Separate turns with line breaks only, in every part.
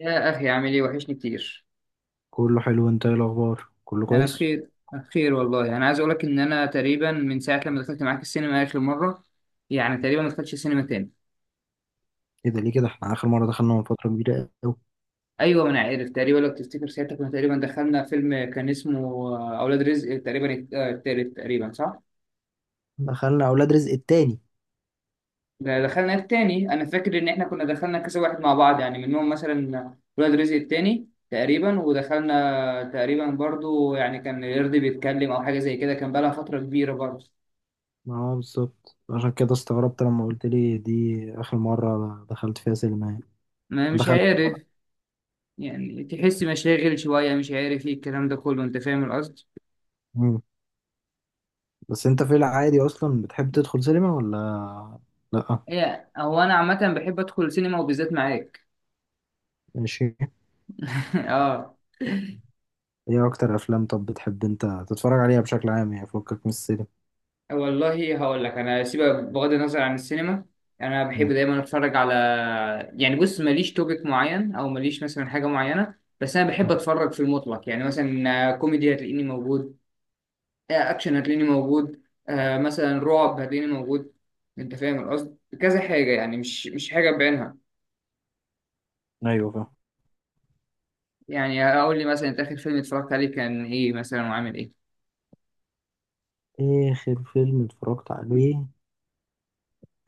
يا أخي، عامل إيه؟ وحشني كتير.
كله حلو، انت ايه الاخبار؟ كله
أنا
كويس؟
بخير، بخير والله. أنا عايز أقولك إن أنا تقريبا من ساعة لما دخلت معاك السينما آخر مرة، يعني تقريبا ما دخلتش السينما تاني.
ايه ده؟ ليه كده؟ احنا اخر مره دخلنا من فتره كبيره قوي.
أيوه، ما أنا عارف. تقريبا لو تفتكر ساعتها كنا تقريبا دخلنا فيلم كان اسمه أولاد رزق، تقريبا التالت، تقريبا صح؟
دخلنا اولاد رزق التاني.
ده دخلنا التاني. أنا فاكر إن إحنا كنا دخلنا كذا واحد مع بعض، يعني منهم مثلا أولاد رزق التاني تقريبا، ودخلنا تقريبا برضو يعني كان يرضي بيتكلم أو حاجة زي كده، كان بقالها فترة كبيرة برضو.
ما هو بالظبط، عشان كده استغربت لما قلت لي دي اخر مره دخلت فيها سينما يعني.
ما مش
دخلت.
عارف، يعني تحس مشاغل شوية، مش عارف ايه الكلام ده كله، انت فاهم القصد.
مم. بس انت في العادي اصلا بتحب تدخل سينما ولا لا؟
هو انا عامة بحب ادخل سينما وبالذات معاك.
ماشي.
اه.
ايه اكتر افلام طب بتحب انت تتفرج عليها بشكل عام يعني فكك من السينما؟
والله هقول لك انا، سيبك بغض النظر عن السينما، انا بحب
مم.
دايما اتفرج على، يعني بص، ماليش توبيك معين او ماليش مثلا حاجة معينة. بس انا بحب اتفرج في المطلق. يعني مثلا كوميدي هتلاقيني موجود، اكشن هتلاقيني موجود، مثلا رعب هتلاقيني موجود. انت فاهم القصد، كذا حاجة، يعني مش حاجة بعينها.
ايوه فاهم.
يعني اقول لي مثلا، انت اخر فيلم اتفرجت عليه كان ايه مثلا وعامل ايه؟
اخر فيلم اتفرجت عليه؟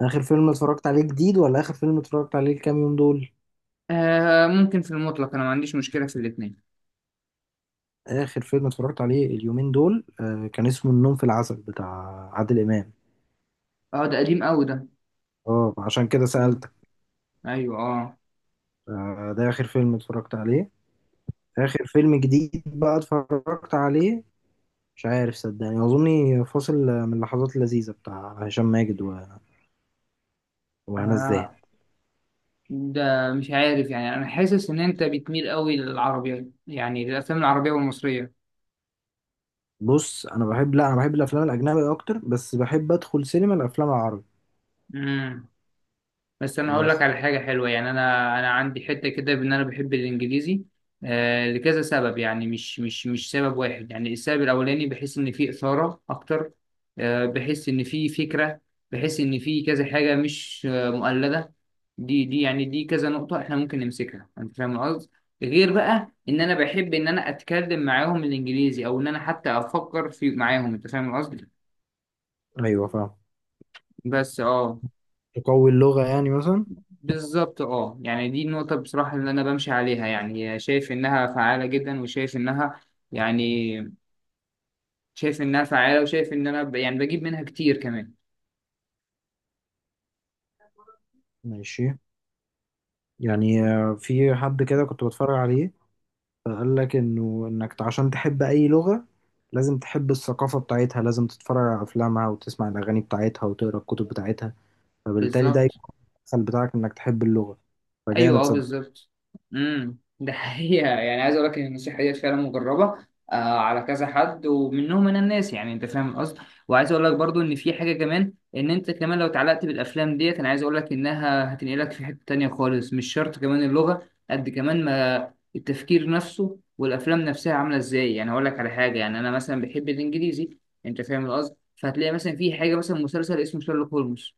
اخر فيلم اتفرجت عليه جديد ولا اخر فيلم اتفرجت عليه الكام يوم دول؟
ممكن في المطلق، انا ما عنديش مشكله في الاثنين.
آخر فيلم اتفرجت عليه اليومين دول كان اسمه النوم في العسل بتاع عادل إمام.
اه، ده قديم قوي ده.
اه عشان كده
مم.
سألتك.
ايوه اه.
آه، ده آخر فيلم اتفرجت عليه. آخر فيلم جديد بقى اتفرجت عليه مش عارف صدقني، أظني فاصل من اللحظات اللذيذة بتاع هشام ماجد وهنا الزاهد.
آه، ده مش عارف، يعني انا حاسس ان انت بتميل قوي للعربي، يعني للافلام العربيه والمصريه.
بص، أنا بحب، لا أنا بحب الأفلام الأجنبي أكتر بس بحب أدخل سينما الأفلام العربي.
مم. بس انا هقول لك على
بس
حاجه حلوه. يعني انا عندي حته كده بان انا بحب الانجليزي، لكذا سبب، يعني مش سبب واحد. يعني السبب الاولاني، بحس ان في اثاره اكتر، بحس ان في فكره، بحس ان في كذا حاجه مش مؤلده. دي يعني دي كذا نقطه احنا ممكن نمسكها، انت فاهم القصد. غير بقى ان انا بحب ان انا اتكلم معاهم الانجليزي، او ان انا حتى افكر في معاهم، انت فاهم القصد.
أيوه فاهم.
بس اه.
تقوي اللغة يعني مثلا.
بالظبط اه، يعني دي النقطة بصراحة اللي أنا بمشي عليها، يعني شايف إنها فعالة جدا، وشايف إنها، يعني شايف إنها فعالة، وشايف إن أنا يعني بجيب منها كتير كمان.
ماشي. يعني في حد كده كنت بتفرج عليه فقال لك انه انك عشان تحب اي لغة لازم تحب الثقافة بتاعتها، لازم تتفرج على افلامها وتسمع الاغاني بتاعتها وتقرا الكتب بتاعتها، فبالتالي ده
بالظبط.
يكون الدخل بتاعك انك تحب اللغة.
ايوه
فجامد
اه،
صدق.
بالظبط. ده حقيقه. يعني عايز اقول لك ان النصيحه ديت فعلا مجربه على كذا حد، ومنهم انا الناس، يعني انت فاهم القصد. وعايز اقول لك برضو ان في حاجه كمان، ان انت كمان لو اتعلقت بالافلام ديت، انا عايز اقول لك انها هتنقلك في حته تانية خالص، مش شرط كمان اللغه قد كمان ما التفكير نفسه والافلام نفسها عامله ازاي. يعني هقول لك على حاجه، يعني انا مثلا بحب الانجليزي، انت فاهم القصد. فهتلاقي مثلا في حاجه، مثلا مسلسل اسمه شارلوك هولمز.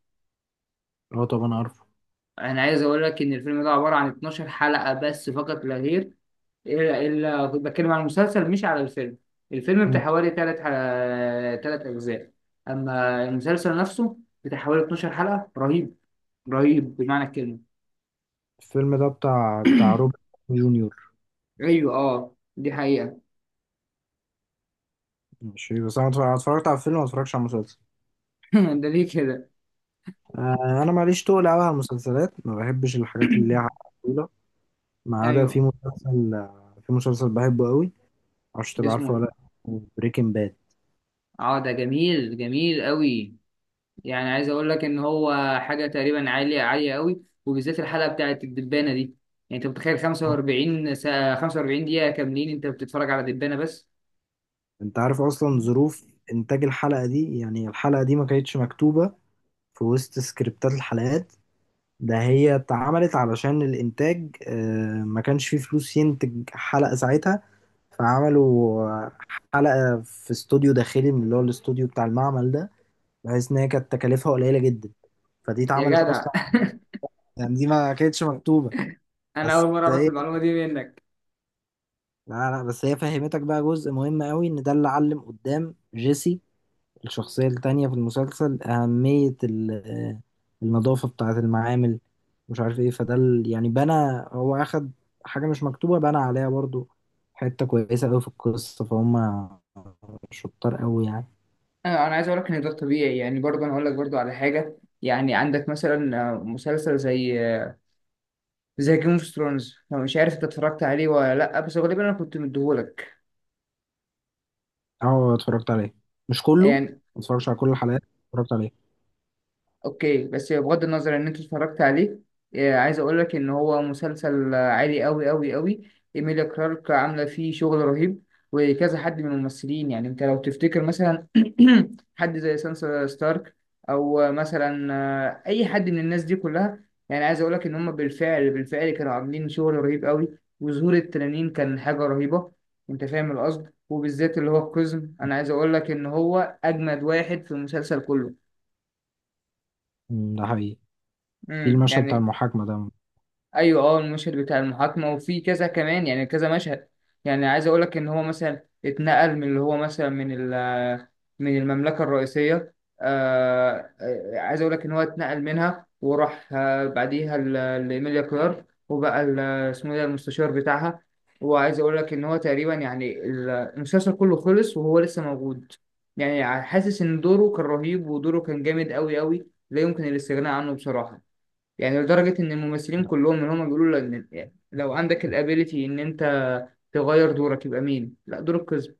اه طب انا عارفه.
انا عايز اقول لك ان الفيلم ده عباره عن 12 حلقه بس، فقط لا غير. الا كنت بتكلم عن المسلسل مش على الفيلم. الفيلم
مم.
بتاع حوالي 3 اجزاء. اما المسلسل نفسه بتاع حوالي 12 حلقه. رهيب، رهيب بمعنى الكلمه.
الفيلم ده بتاع روبرت جونيور.
ايوه اه، دي حقيقه.
مش بس انا أنا اتفرجت على الفيلم ما اتفرجتش على المسلسل.
ده ليه كده؟
آه، انا ماليش تقل قوي على المسلسلات، ما بحبش الحاجات اللي ليها طويلة. ما عدا في
ايوه.
مسلسل، في مسلسل بحبه قوي. معرفش
ده
تبقى
اسمه
عارفه ولا.
ايه؟
بريكنج باد.
اه، ده جميل، جميل قوي. يعني عايز اقول لك ان هو حاجه تقريبا عاليه، عاليه قوي، وبالذات الحلقه بتاعت الدبانه دي. يعني انت متخيل 45 دقيقه كاملين انت بتتفرج على دبانه بس!
انت عارف اصلا ظروف انتاج الحلقة دي؟ يعني الحلقة دي ما كانتش مكتوبة في وسط سكريبتات الحلقات، ده هي اتعملت علشان الانتاج ما كانش فيه فلوس ينتج حلقة ساعتها. فعملوا حلقة في استوديو داخلي من اللي هو الاستوديو بتاع المعمل ده، بحيث ان هي كانت تكاليفها قليلة جدا، فدي
يا
اتعملت
جدع.
اصلا، يعني دي ما كانتش مكتوبة.
انا اول
بس
مره اعرف
هي
المعلومه دي منك.
لا لا، بس هي فهمتك بقى جزء مهم قوي ان ده اللي علم قدام جيسي الشخصية التانية في المسلسل أهمية النظافة بتاعة المعامل. مش عارف ايه فده يعني بنى. هو أخد حاجة مش مكتوبة بنى عليها برضو حتة كويسة أوي في القصة، فهم شطار أوي يعني.
أنا عايز اقول لك ان ده طبيعي. يعني برضه انا اقول لك برضه على حاجه. يعني عندك مثلا مسلسل زي زي جيم اوف ثرونز، لو مش عارف انت اتفرجت عليه ولا لا، بس غالبا انا كنت مديهولك.
اه اتفرجت عليه. مش كله، ما
يعني
اتفرجتش على كل الحلقات. اتفرجت عليه.
اوكي، بس بغض النظر ان انت اتفرجت عليه، عايز اقول لك ان هو مسلسل عالي قوي قوي قوي. ايميليا كلارك عامله فيه شغل رهيب. وكذا حد من الممثلين، يعني انت لو تفتكر مثلا حد زي سانسا ستارك، او مثلا اي حد من الناس دي كلها. يعني عايز اقول لك ان هم بالفعل بالفعل كانوا عاملين شغل رهيب قوي، وظهور التنانين كان حاجه رهيبه. انت فاهم القصد، وبالذات اللي هو القزم. انا عايز اقول لك ان هو اجمد واحد في المسلسل كله.
أمم، ده حقيقي. في
امم،
المشهد بتاع
يعني.
المحاكمة ده
ايوه اه، المشهد بتاع المحاكمه وفي كذا كمان، يعني كذا مشهد. يعني عايز اقول لك ان هو مثلا اتنقل من اللي هو مثلا من المملكه الرئيسيه. عايز اقول لك ان هو اتنقل منها، وراح بعديها لايميليا كلارك. وبقى اسمه إيه ده، المستشار بتاعها. وعايز اقول لك ان هو تقريبا، يعني المسلسل كله خلص وهو لسه موجود. يعني حاسس ان دوره كان رهيب، ودوره كان جامد قوي قوي لا يمكن الاستغناء عنه بصراحه. يعني لدرجة إن الممثلين
ده
كلهم اللي هما بيقولوا لك إن، يعني لو عندك الابيليتي إن أنت تغير دورك، يبقى مين؟ لا، دور القزم.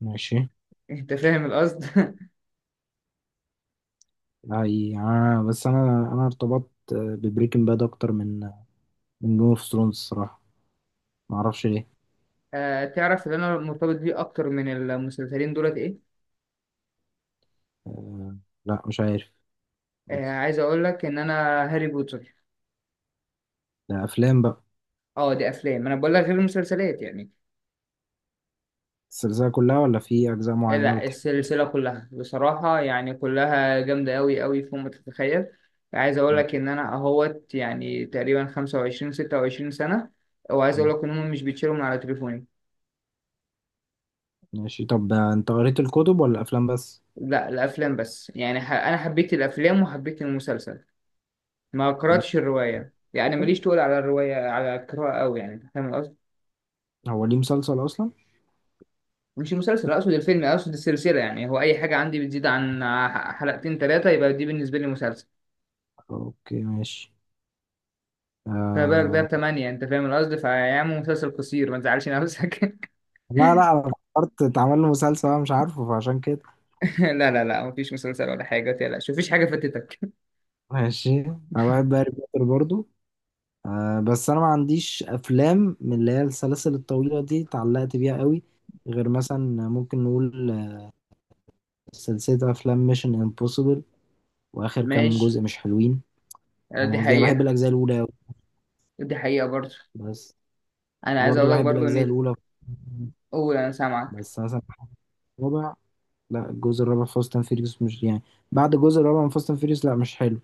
ماشي.
أنت فاهم القصد؟
ده حقيقي آه، بس أنا ارتبطت ببريكنج باد أكتر من جيم اوف ثرونز الصراحة. معرفش ليه.
تعرف اللي أنا مرتبط بيه أكتر من المسلسلين دولت إيه؟
آه، لا مش عارف.
عايز أقول لك إن أنا هاري بوتر.
ده افلام بقى.
دي أفلام، أنا بقول لك غير المسلسلات يعني.
السلسله كلها ولا في اجزاء معينه
لا،
بتحب؟
السلسلة كلها بصراحة، يعني كلها جامدة أوي أوي فوق ما تتخيل. عايز أقول لك إن أنا أهوت يعني تقريبا 25، 26 سنة، وعايز أقول
م-
لك إن هم مش بيتشالوا من على تليفوني.
ماشي. طب انت قريت الكتب ولا افلام بس؟
لا، الافلام بس. يعني انا حبيت الافلام وحبيت المسلسل. ما قراتش الروايه، يعني
مسلسل.
ماليش تقول على الروايه، على القراءه قوي يعني، أنت فاهم القصد.
هو ليه مسلسل اصلا؟
مش المسلسل، اقصد الفيلم، اقصد السلسله. يعني هو اي حاجه عندي بتزيد عن حلقتين ثلاثه يبقى دي بالنسبه لي مسلسل.
اوكي ماشي.
فما بالك ده
آه...
بثمانية، انت فاهم القصد، فيعمل مسلسل قصير، ما تزعلش نفسك.
لا لا انا فكرت اتعمل له مسلسل انا مش عارفه فعشان كده.
لا لا لا، مفيش مسلسل ولا حاجة، متقلقش، مفيش حاجة فاتتك.
ماشي. انا بحب هاري بوتر برضو. آه بس انا ما عنديش افلام من اللي هي السلاسل الطويله دي اتعلقت بيها قوي، غير مثلا ممكن نقول سلسله افلام ميشن امبوسيبل. واخر كام
ماشي.
جزء مش حلوين.
دي
انا قصدي أنا بحب
حقيقة.
الاجزاء الاولى أوي.
دي حقيقة برضه.
بس
انا عايز
وبرضه
اقول لك
بحب
برضه ان،
الاجزاء الاولى.
قول انا سامعك.
بس مثلا الرابع. لا الجزء الرابع فاست اند فيريوس مش يعني. بعد الجزء الرابع من فاست اند فيريوس لا مش حلو.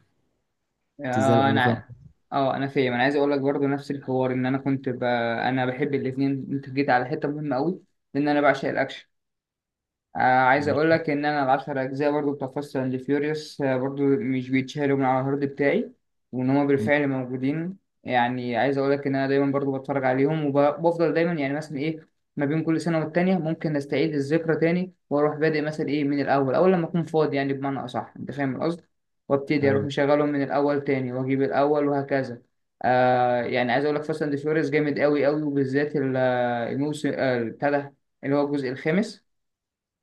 بتزعل
آه،
قوي فاهم.
انا اه انا فاهم. انا عايز اقول لك برضو نفس الحوار، ان انا بحب الاثنين. انت جيت على حته مهمه قوي، لان انا بعشق الاكشن. عايز اقول
ماشي.
لك ان انا العشر اجزاء برضو بتوع فاست اند فيوريوس، برضو مش بيتشالوا من على الهارد بتاعي، وان هما
م.
بالفعل موجودين. يعني عايز اقول لك ان انا دايما برضو بتفرج عليهم، وبفضل دايما، يعني مثلا ايه، ما بين كل سنه والتانيه ممكن استعيد الذكرى تاني، واروح بادئ مثلا ايه من الاول، اول لما اكون فاضي، يعني بمعنى اصح انت فاهم القصد، وابتدي اروح
ايوه،
مشغلهم من الاول تاني، واجيب الاول، وهكذا. يعني عايز اقول لك، فاست اند فيوريوس جامد قوي قوي، وبالذات الموسم بتاع ده، اللي هو الجزء الخامس.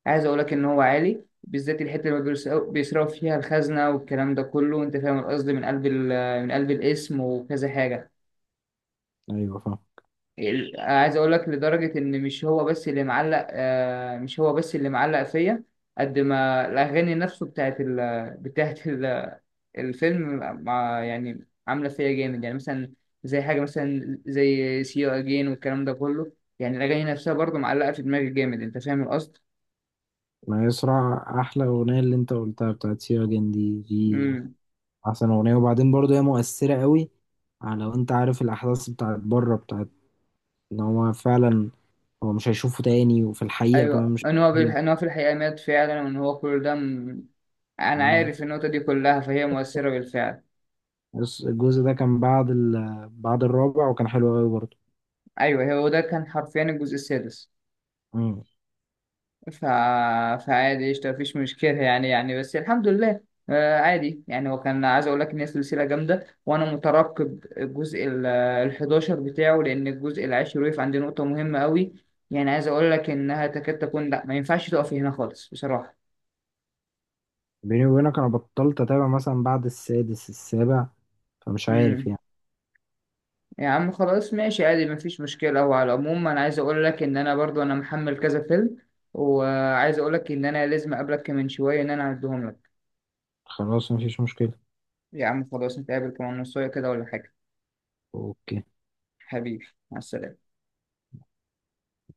عايز اقول لك ان هو عالي، بالذات الحته اللي بيسرقوا فيها الخزنه، والكلام ده كله، انت فاهم القصد، من قلب الاسم وكذا حاجه.
ايوه فاهم.
عايز اقول لك لدرجه ان مش هو بس اللي معلق آه، مش هو بس اللي معلق فيا، قد ما الاغاني نفسه بتاعت الفيلم، مع يعني عامله فيا جامد. يعني مثلا زي حاجه مثلا زي سي يو اجين والكلام ده كله. يعني الاغاني نفسها برضه معلقه في دماغي جامد، انت فاهم القصد؟
ما يسرع احلى اغنيه اللي انت قلتها بتاعت سيا جن دي احسن اغنيه. وبعدين برضه هي مؤثره قوي، على لو انت عارف الاحداث بتاعت بره بتاعت ان هو فعلا هو مش هيشوفه تاني. وفي الحقيقه كمان
ايوه،
مش
ان هو
هيشوفه
في الحقيقه مات فعلا، وان هو كل ده انا
تاني.
عارف النقطه دي كلها، فهي مؤثره بالفعل.
بس الجزء ده كان بعد بعد الرابع وكان حلو قوي برضه.
ايوه هو، ده كان حرفيا الجزء السادس.
امم.
ف... فعادي، قشطه، مفيش مشكله، يعني بس الحمد لله. عادي يعني. هو كان عايز اقول لك ان هي سلسله جامده، وانا مترقب الجزء ال 11 بتاعه، لان الجزء العاشر وقف عند نقطه مهمه قوي. يعني عايز اقول لك انها تكاد تكون لا، ما ينفعش تقف هنا خالص بصراحه.
بيني وبينك انا بطلت اتابع مثلا بعد السادس السابع فمش عارف
امم
يعني.
يا عم خلاص، ماشي، عادي، مفيش مشكلة. هو على العموم أنا عايز أقول لك إن أنا برضو أنا محمل كذا فيلم، وعايز أقول لك إن أنا لازم أقابلك من شوية إن أنا أعدهم لك.
خلاص مفيش مشكلة.
يا عم خلاص، نتقابل كمان نص ساعة كده ولا حاجة؟
اوكي.
حبيبي، مع السلامة.